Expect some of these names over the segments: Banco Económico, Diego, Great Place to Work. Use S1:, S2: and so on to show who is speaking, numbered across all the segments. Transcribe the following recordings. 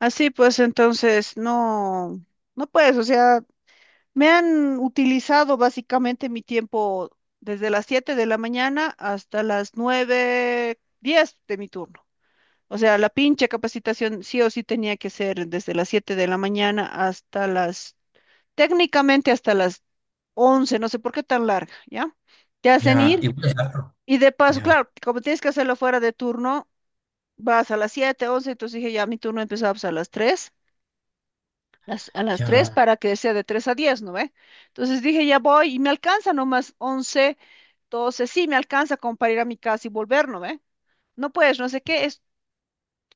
S1: Así pues, entonces, no, no puedes, o sea, me han utilizado básicamente mi tiempo desde las 7 de la mañana hasta las 9, 10 de mi turno. O sea, la pinche capacitación sí o sí tenía que ser desde las 7 de la mañana hasta técnicamente hasta las 11. No sé por qué tan larga, ¿ya? Te hacen
S2: Ya,
S1: ir
S2: igual es harto.
S1: y de paso,
S2: Ya,
S1: claro, como tienes que hacerlo fuera de turno, vas a las 7, 11. Entonces dije, ya mi turno empezaba pues, a las 3. A las 3
S2: ya,
S1: para que sea de 3 a 10, ¿no ve? Entonces dije, ya voy y me alcanza nomás 11, 12, sí, me alcanza como para ir a mi casa y volver, ¿no ve? No puedes, no sé qué,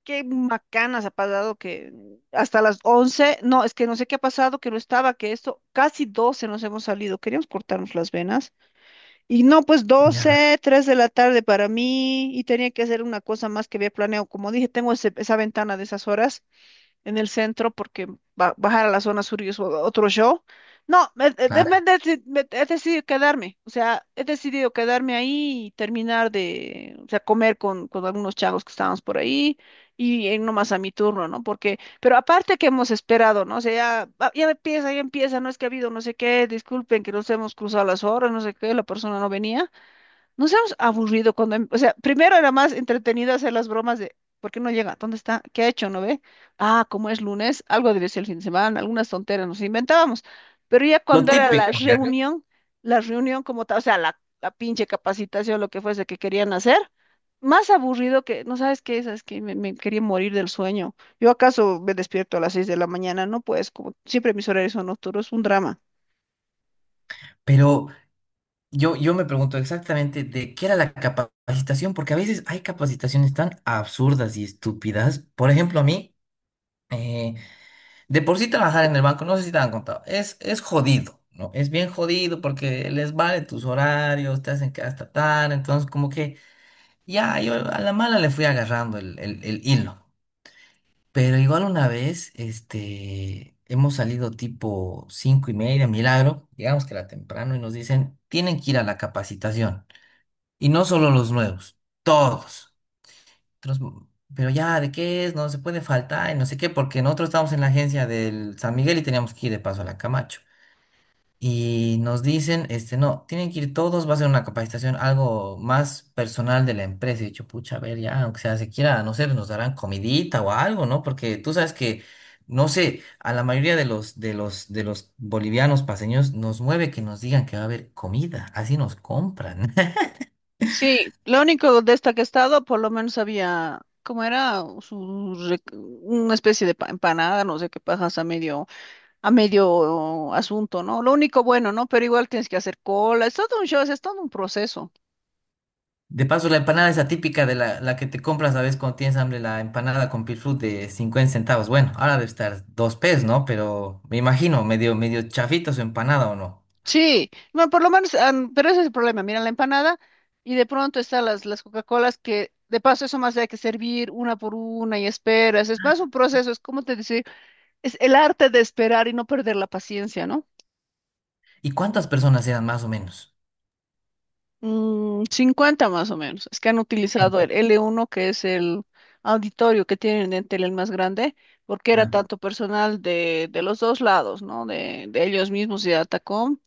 S1: qué macanas ha pasado que hasta las 11, no, es que no sé qué ha pasado, que no estaba, que esto, casi 12 nos hemos salido, queríamos cortarnos las venas y no, pues
S2: ya,
S1: 12, 3 de la tarde para mí y tenía que hacer una cosa más que había planeado, como dije, tengo esa ventana de esas horas en el centro porque bajar a la zona sur y es otro show. No,
S2: claro.
S1: he decidido quedarme, o sea, he decidido quedarme ahí y terminar de, o sea, comer con algunos chavos que estábamos por ahí y nomás a mi turno, ¿no? Porque, pero aparte que hemos esperado, ¿no? O sea, ya, ah, ya empieza, no es que ha habido no sé qué, disculpen que nos hemos cruzado las horas, no sé qué, la persona no venía. Nos hemos aburrido cuando, o sea, primero era más entretenido hacer las bromas de, ¿por qué no llega? ¿Dónde está? ¿Qué ha hecho? ¿No ve? Ah, como es lunes, algo debe ser el fin de semana, algunas tonteras nos inventábamos. Pero ya
S2: Lo
S1: cuando era la
S2: típico, ya.
S1: reunión, la reunión como tal, o sea, la pinche capacitación, lo que fuese que querían hacer, más aburrido que, no sabes qué, sabes que me quería morir del sueño. Yo acaso me despierto a las 6 de la mañana, no pues, como siempre mis horarios son nocturnos, un drama.
S2: Pero yo me pregunto exactamente de qué era la capacitación, porque a veces hay capacitaciones tan absurdas y estúpidas. Por ejemplo, a mí, eh, de por sí trabajar en el banco, no sé si te han contado, es jodido, ¿no? Es bien jodido porque les vale tus horarios, te hacen que hasta tarde, entonces como que ya, yo a la mala le fui agarrando el hilo. Pero igual una vez, hemos salido tipo 5:30, milagro, llegamos que era temprano y nos dicen, tienen que ir a la capacitación. Y no solo los nuevos, todos. Otros, pero ya, ¿de qué es? No se puede faltar y no sé qué, porque nosotros estábamos en la agencia del San Miguel y teníamos que ir de paso a la Camacho y nos dicen, este, no, tienen que ir todos, va a ser una capacitación, algo más personal de la empresa. Y yo, pucha, a ver, ya, aunque sea se quiera, no sé, nos darán comidita o algo, ¿no? Porque tú sabes que, no sé, a la mayoría de los bolivianos paseños nos mueve que nos digan que va a haber comida, así nos compran.
S1: Sí, lo único de esta que he estado, por lo menos había, ¿cómo era? Su una especie de empanada, no sé qué pajas a medio asunto, ¿no? Lo único bueno, ¿no? Pero igual tienes que hacer cola, es todo un show, es todo un proceso.
S2: De paso, la empanada esa típica de la que te compras, ¿sabes? Cuando tienes hambre, la empanada con pilfrut de 50 centavos. Bueno, ahora debe estar 2 pesos, ¿no? Pero me imagino, medio, medio chafita su empanada, ¿o no?
S1: Sí, bueno, por lo menos, ah, pero ese es el problema, mira la empanada y de pronto están las Coca-Colas que, de paso, eso más hay que servir una por una y esperas, es más un proceso, es como te decir, es el arte de esperar y no perder la paciencia, ¿no?
S2: ¿Y cuántas personas eran más o menos?
S1: Mm, 50 más o menos. Es que han
S2: Puta,
S1: utilizado el L1, que es el auditorio que tienen en Entel el más grande, porque era
S2: ah,
S1: tanto personal de los dos lados, ¿no? De ellos mismos y de Atacom.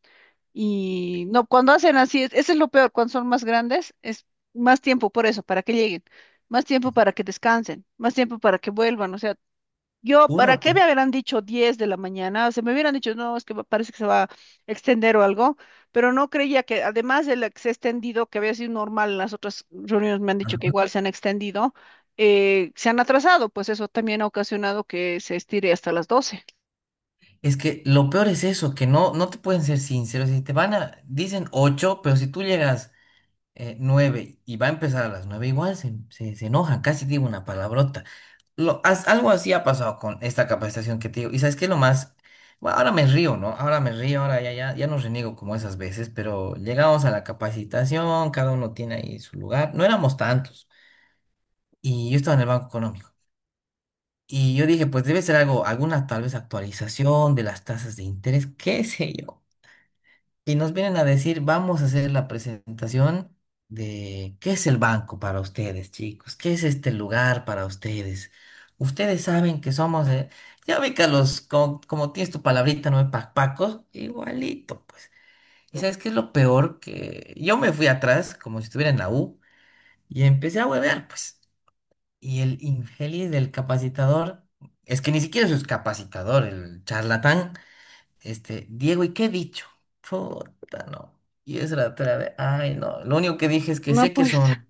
S1: Y no, cuando hacen así, eso es lo peor, cuando son más grandes, es más tiempo por eso, para que lleguen, más tiempo para que descansen, más tiempo para que vuelvan. O sea, yo,
S2: puro
S1: ¿para qué me
S2: ti.
S1: habrán dicho 10 de la mañana? Se me hubieran dicho, no, es que parece que se va a extender o algo, pero no creía que, además de la que se ha extendido, que había sido normal en las otras reuniones, me han dicho que
S2: Ajá.
S1: igual se han extendido, se han atrasado, pues eso también ha ocasionado que se estire hasta las 12.
S2: Es que lo peor es eso, que no, no te pueden ser sinceros. Si te van a, dicen ocho, pero si tú llegas nueve y va a empezar a las nueve, igual se enojan, casi digo una palabrota. Lo, algo así ha pasado con esta capacitación que te digo. Y sabes qué es lo más, bueno, ahora me río, ¿no? Ahora me río, ahora ya, ya, ya no reniego como esas veces, pero llegamos a la capacitación, cada uno tiene ahí su lugar. No éramos tantos. Y yo estaba en el Banco Económico. Y yo dije, pues debe ser algo, alguna tal vez actualización de las tasas de interés, qué sé yo. Y nos vienen a decir, vamos a hacer la presentación de qué es el banco para ustedes, chicos, qué es este lugar para ustedes. Ustedes saben que somos, ya ubica los, como, como tienes tu palabrita, no pacpacos, igualito, pues. ¿Y sabes qué es lo peor? Que yo me fui atrás, como si estuviera en la U, y empecé a huevear, pues. Y el Ingelis del capacitador, es que ni siquiera es capacitador, el charlatán, este, Diego, ¿y qué he dicho? Puta, no. Y es la otra vez, ay, no. Lo único que dije es que
S1: No,
S2: sé que
S1: pues,
S2: son.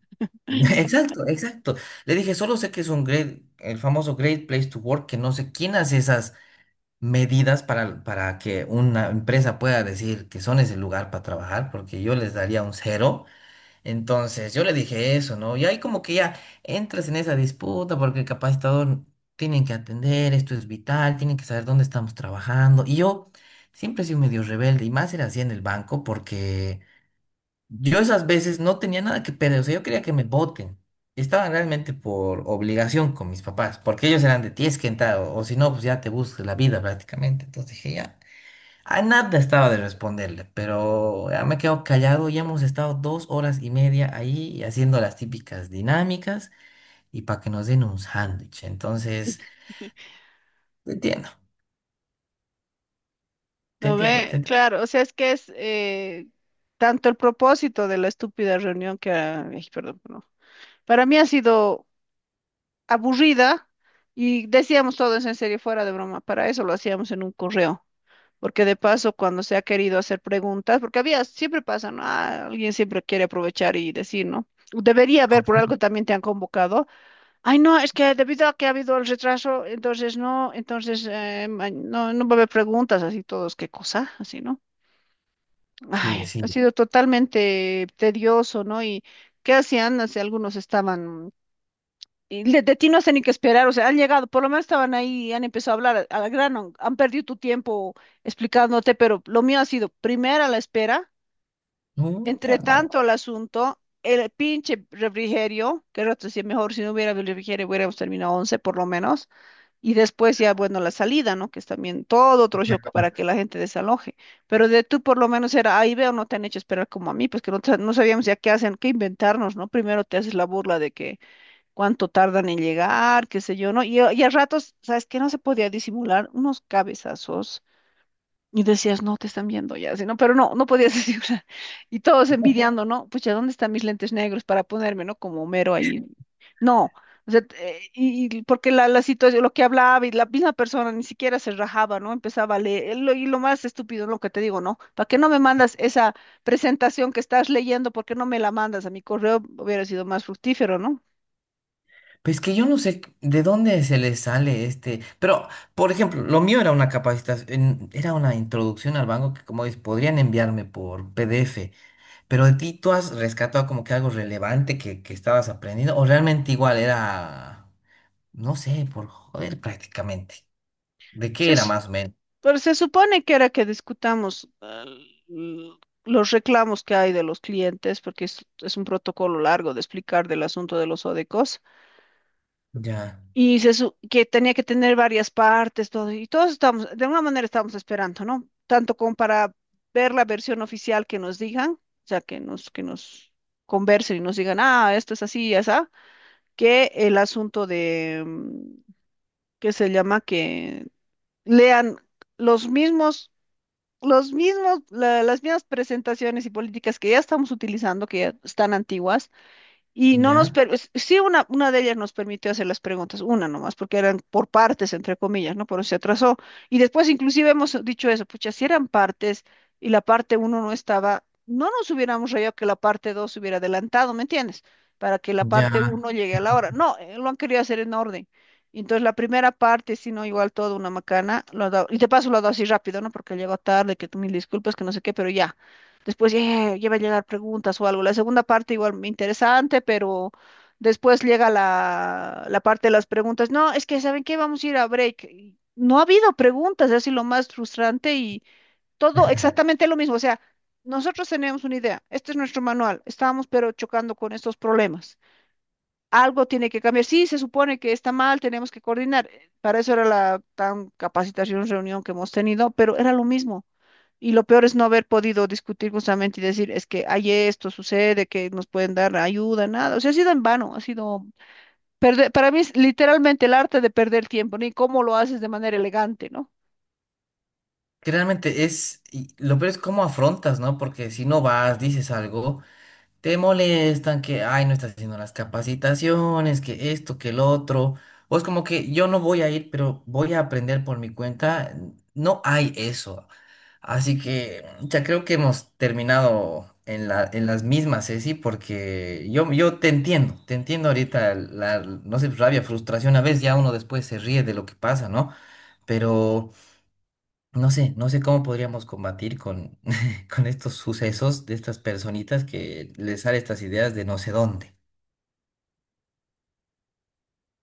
S2: Exacto, exacto. Le dije, solo sé que es un great, el famoso Great Place to Work, que no sé quién hace esas medidas para que una empresa pueda decir que son ese lugar para trabajar, porque yo les daría un cero. Entonces yo le dije eso, ¿no? Y ahí como que ya entras en esa disputa porque capaz todos tienen que atender, esto es vital, tienen que saber dónde estamos trabajando. Y yo siempre he sido medio rebelde y más era así en el banco porque yo esas veces no tenía nada que perder, o sea, yo quería que me voten. Estaban realmente por obligación con mis papás, porque ellos eran de tienes que entrar o si no, pues ya te buscas la vida prácticamente. Entonces dije, ya. A nada estaba de responderle, pero ya me quedo callado. Ya hemos estado 2 horas y media ahí haciendo las típicas dinámicas y para que nos den un sándwich. Entonces, te entiendo, te
S1: no
S2: entiendo, te
S1: ve,
S2: entiendo.
S1: claro, o sea, es que es tanto el propósito de la estúpida reunión que, ah, ay, perdón, no. Para mí ha sido aburrida y decíamos todo eso en serio, fuera de broma. Para eso lo hacíamos en un correo, porque de paso cuando se ha querido hacer preguntas, porque había, siempre pasa, ¿no? Ah, alguien siempre quiere aprovechar y decir, ¿no? Debería haber, por algo también te han convocado. Ay, no, es que debido a que ha habido el retraso, entonces no, entonces no, no va a haber preguntas, así todos, qué cosa, así, ¿no? Ay,
S2: Sí,
S1: ha
S2: sí.
S1: sido totalmente tedioso, ¿no? Y ¿qué hacían? Así, algunos estaban y de ti no sé ni qué esperar, o sea, han llegado, por lo menos estaban ahí, y han empezado a hablar a la grano, han perdido tu tiempo explicándote, pero lo mío ha sido primera la espera,
S2: No,
S1: entre
S2: no.
S1: tanto el asunto, el pinche refrigerio, que rato decía, mejor si no hubiera habido refrigerio hubiéramos terminado 11 por lo menos, y después ya, bueno, la salida, ¿no? Que es también todo otro show para que la gente desaloje, pero de tú por lo menos era, ahí veo, no te han hecho esperar como a mí, pues que no, no sabíamos ya qué hacen, qué inventarnos, ¿no? Primero te haces la burla de que cuánto tardan en llegar, qué sé yo, ¿no? Y, y a ratos, ¿sabes qué? No se podía disimular unos cabezazos y decías, no, te están viendo ya, sino, pero no, no podías disimular. Y todos envidiando, ¿no? Pucha, ¿dónde están mis lentes negros para ponerme, ¿no? Como Homero ahí. No. O sea, y porque la situación, lo que hablaba y la misma persona ni siquiera se rajaba, ¿no? Empezaba a leer. Y lo más estúpido, lo que te digo, ¿no? ¿Para qué no me mandas esa presentación que estás leyendo? ¿Por qué no me la mandas a mi correo? Hubiera sido más fructífero, ¿no?
S2: Pues que yo no sé de dónde se les sale este. Pero, por ejemplo, lo mío era una capacitación, era una introducción al banco que, como dices, podrían enviarme por PDF. Pero de ti tú has rescatado como que algo relevante que, estabas aprendiendo, o realmente igual era. No sé, por joder prácticamente. ¿De qué
S1: Sí,
S2: era más o menos?
S1: pero se supone que era que discutamos l- los reclamos que hay de los clientes, porque es un protocolo largo de explicar del asunto de los ODECOS,
S2: Ya,
S1: y que tenía que tener varias partes, todo, y todos estamos, de alguna manera estamos esperando, ¿no? Tanto como para ver la versión oficial que nos digan, o sea, que nos conversen y nos digan, ah, esto es así y así, que el asunto de, ¿qué se llama? Que lean los mismos los mismos, las mismas presentaciones y políticas que ya estamos utilizando, que ya están antiguas, y no nos,
S2: ya,
S1: sí, una de ellas nos permitió hacer las preguntas, una nomás, porque eran por partes, entre comillas, ¿no? Pero se atrasó. Y después inclusive hemos dicho eso, pucha, si eran partes y la parte uno no estaba, no nos hubiéramos rayado que la parte dos se hubiera adelantado, ¿me entiendes? Para que la
S2: ya.
S1: parte uno llegue a la hora. No, lo han querido hacer en orden. Entonces la primera parte, si no, igual todo una macana, y te paso lo ha dado así rápido, ¿no? Porque llegó tarde, que tú mil disculpas, que no sé qué, pero ya. Después ya, va a llegar preguntas o algo. La segunda parte igual me interesante, pero después llega la parte de las preguntas. No, es que ¿saben qué? Vamos a ir a break. Y no ha habido preguntas, es así lo más frustrante y todo exactamente lo mismo. O sea, nosotros teníamos una idea, este es nuestro manual, estábamos pero chocando con estos problemas. Algo tiene que cambiar. Sí, se supone que está mal, tenemos que coordinar. Para eso era la tan capacitación, reunión que hemos tenido, pero era lo mismo. Y lo peor es no haber podido discutir justamente y decir, es que hay esto, sucede, que nos pueden dar ayuda, nada. O sea, ha sido en vano, ha sido perder, para mí es literalmente el arte de perder tiempo, ni cómo lo haces de manera elegante, ¿no?
S2: Que realmente es, y lo peor es cómo afrontas, ¿no? Porque si no vas, dices algo, te molestan, que, ay, no estás haciendo las capacitaciones, que esto, que el otro. O es como que yo no voy a ir, pero voy a aprender por mi cuenta. No hay eso. Así que ya creo que hemos terminado en la, en las mismas, Ceci, porque yo te entiendo ahorita la, no sé, rabia, frustración, a veces ya uno después se ríe de lo que pasa, ¿no? Pero no sé, no sé cómo podríamos combatir con, con estos sucesos de estas personitas que les salen estas ideas de no sé dónde.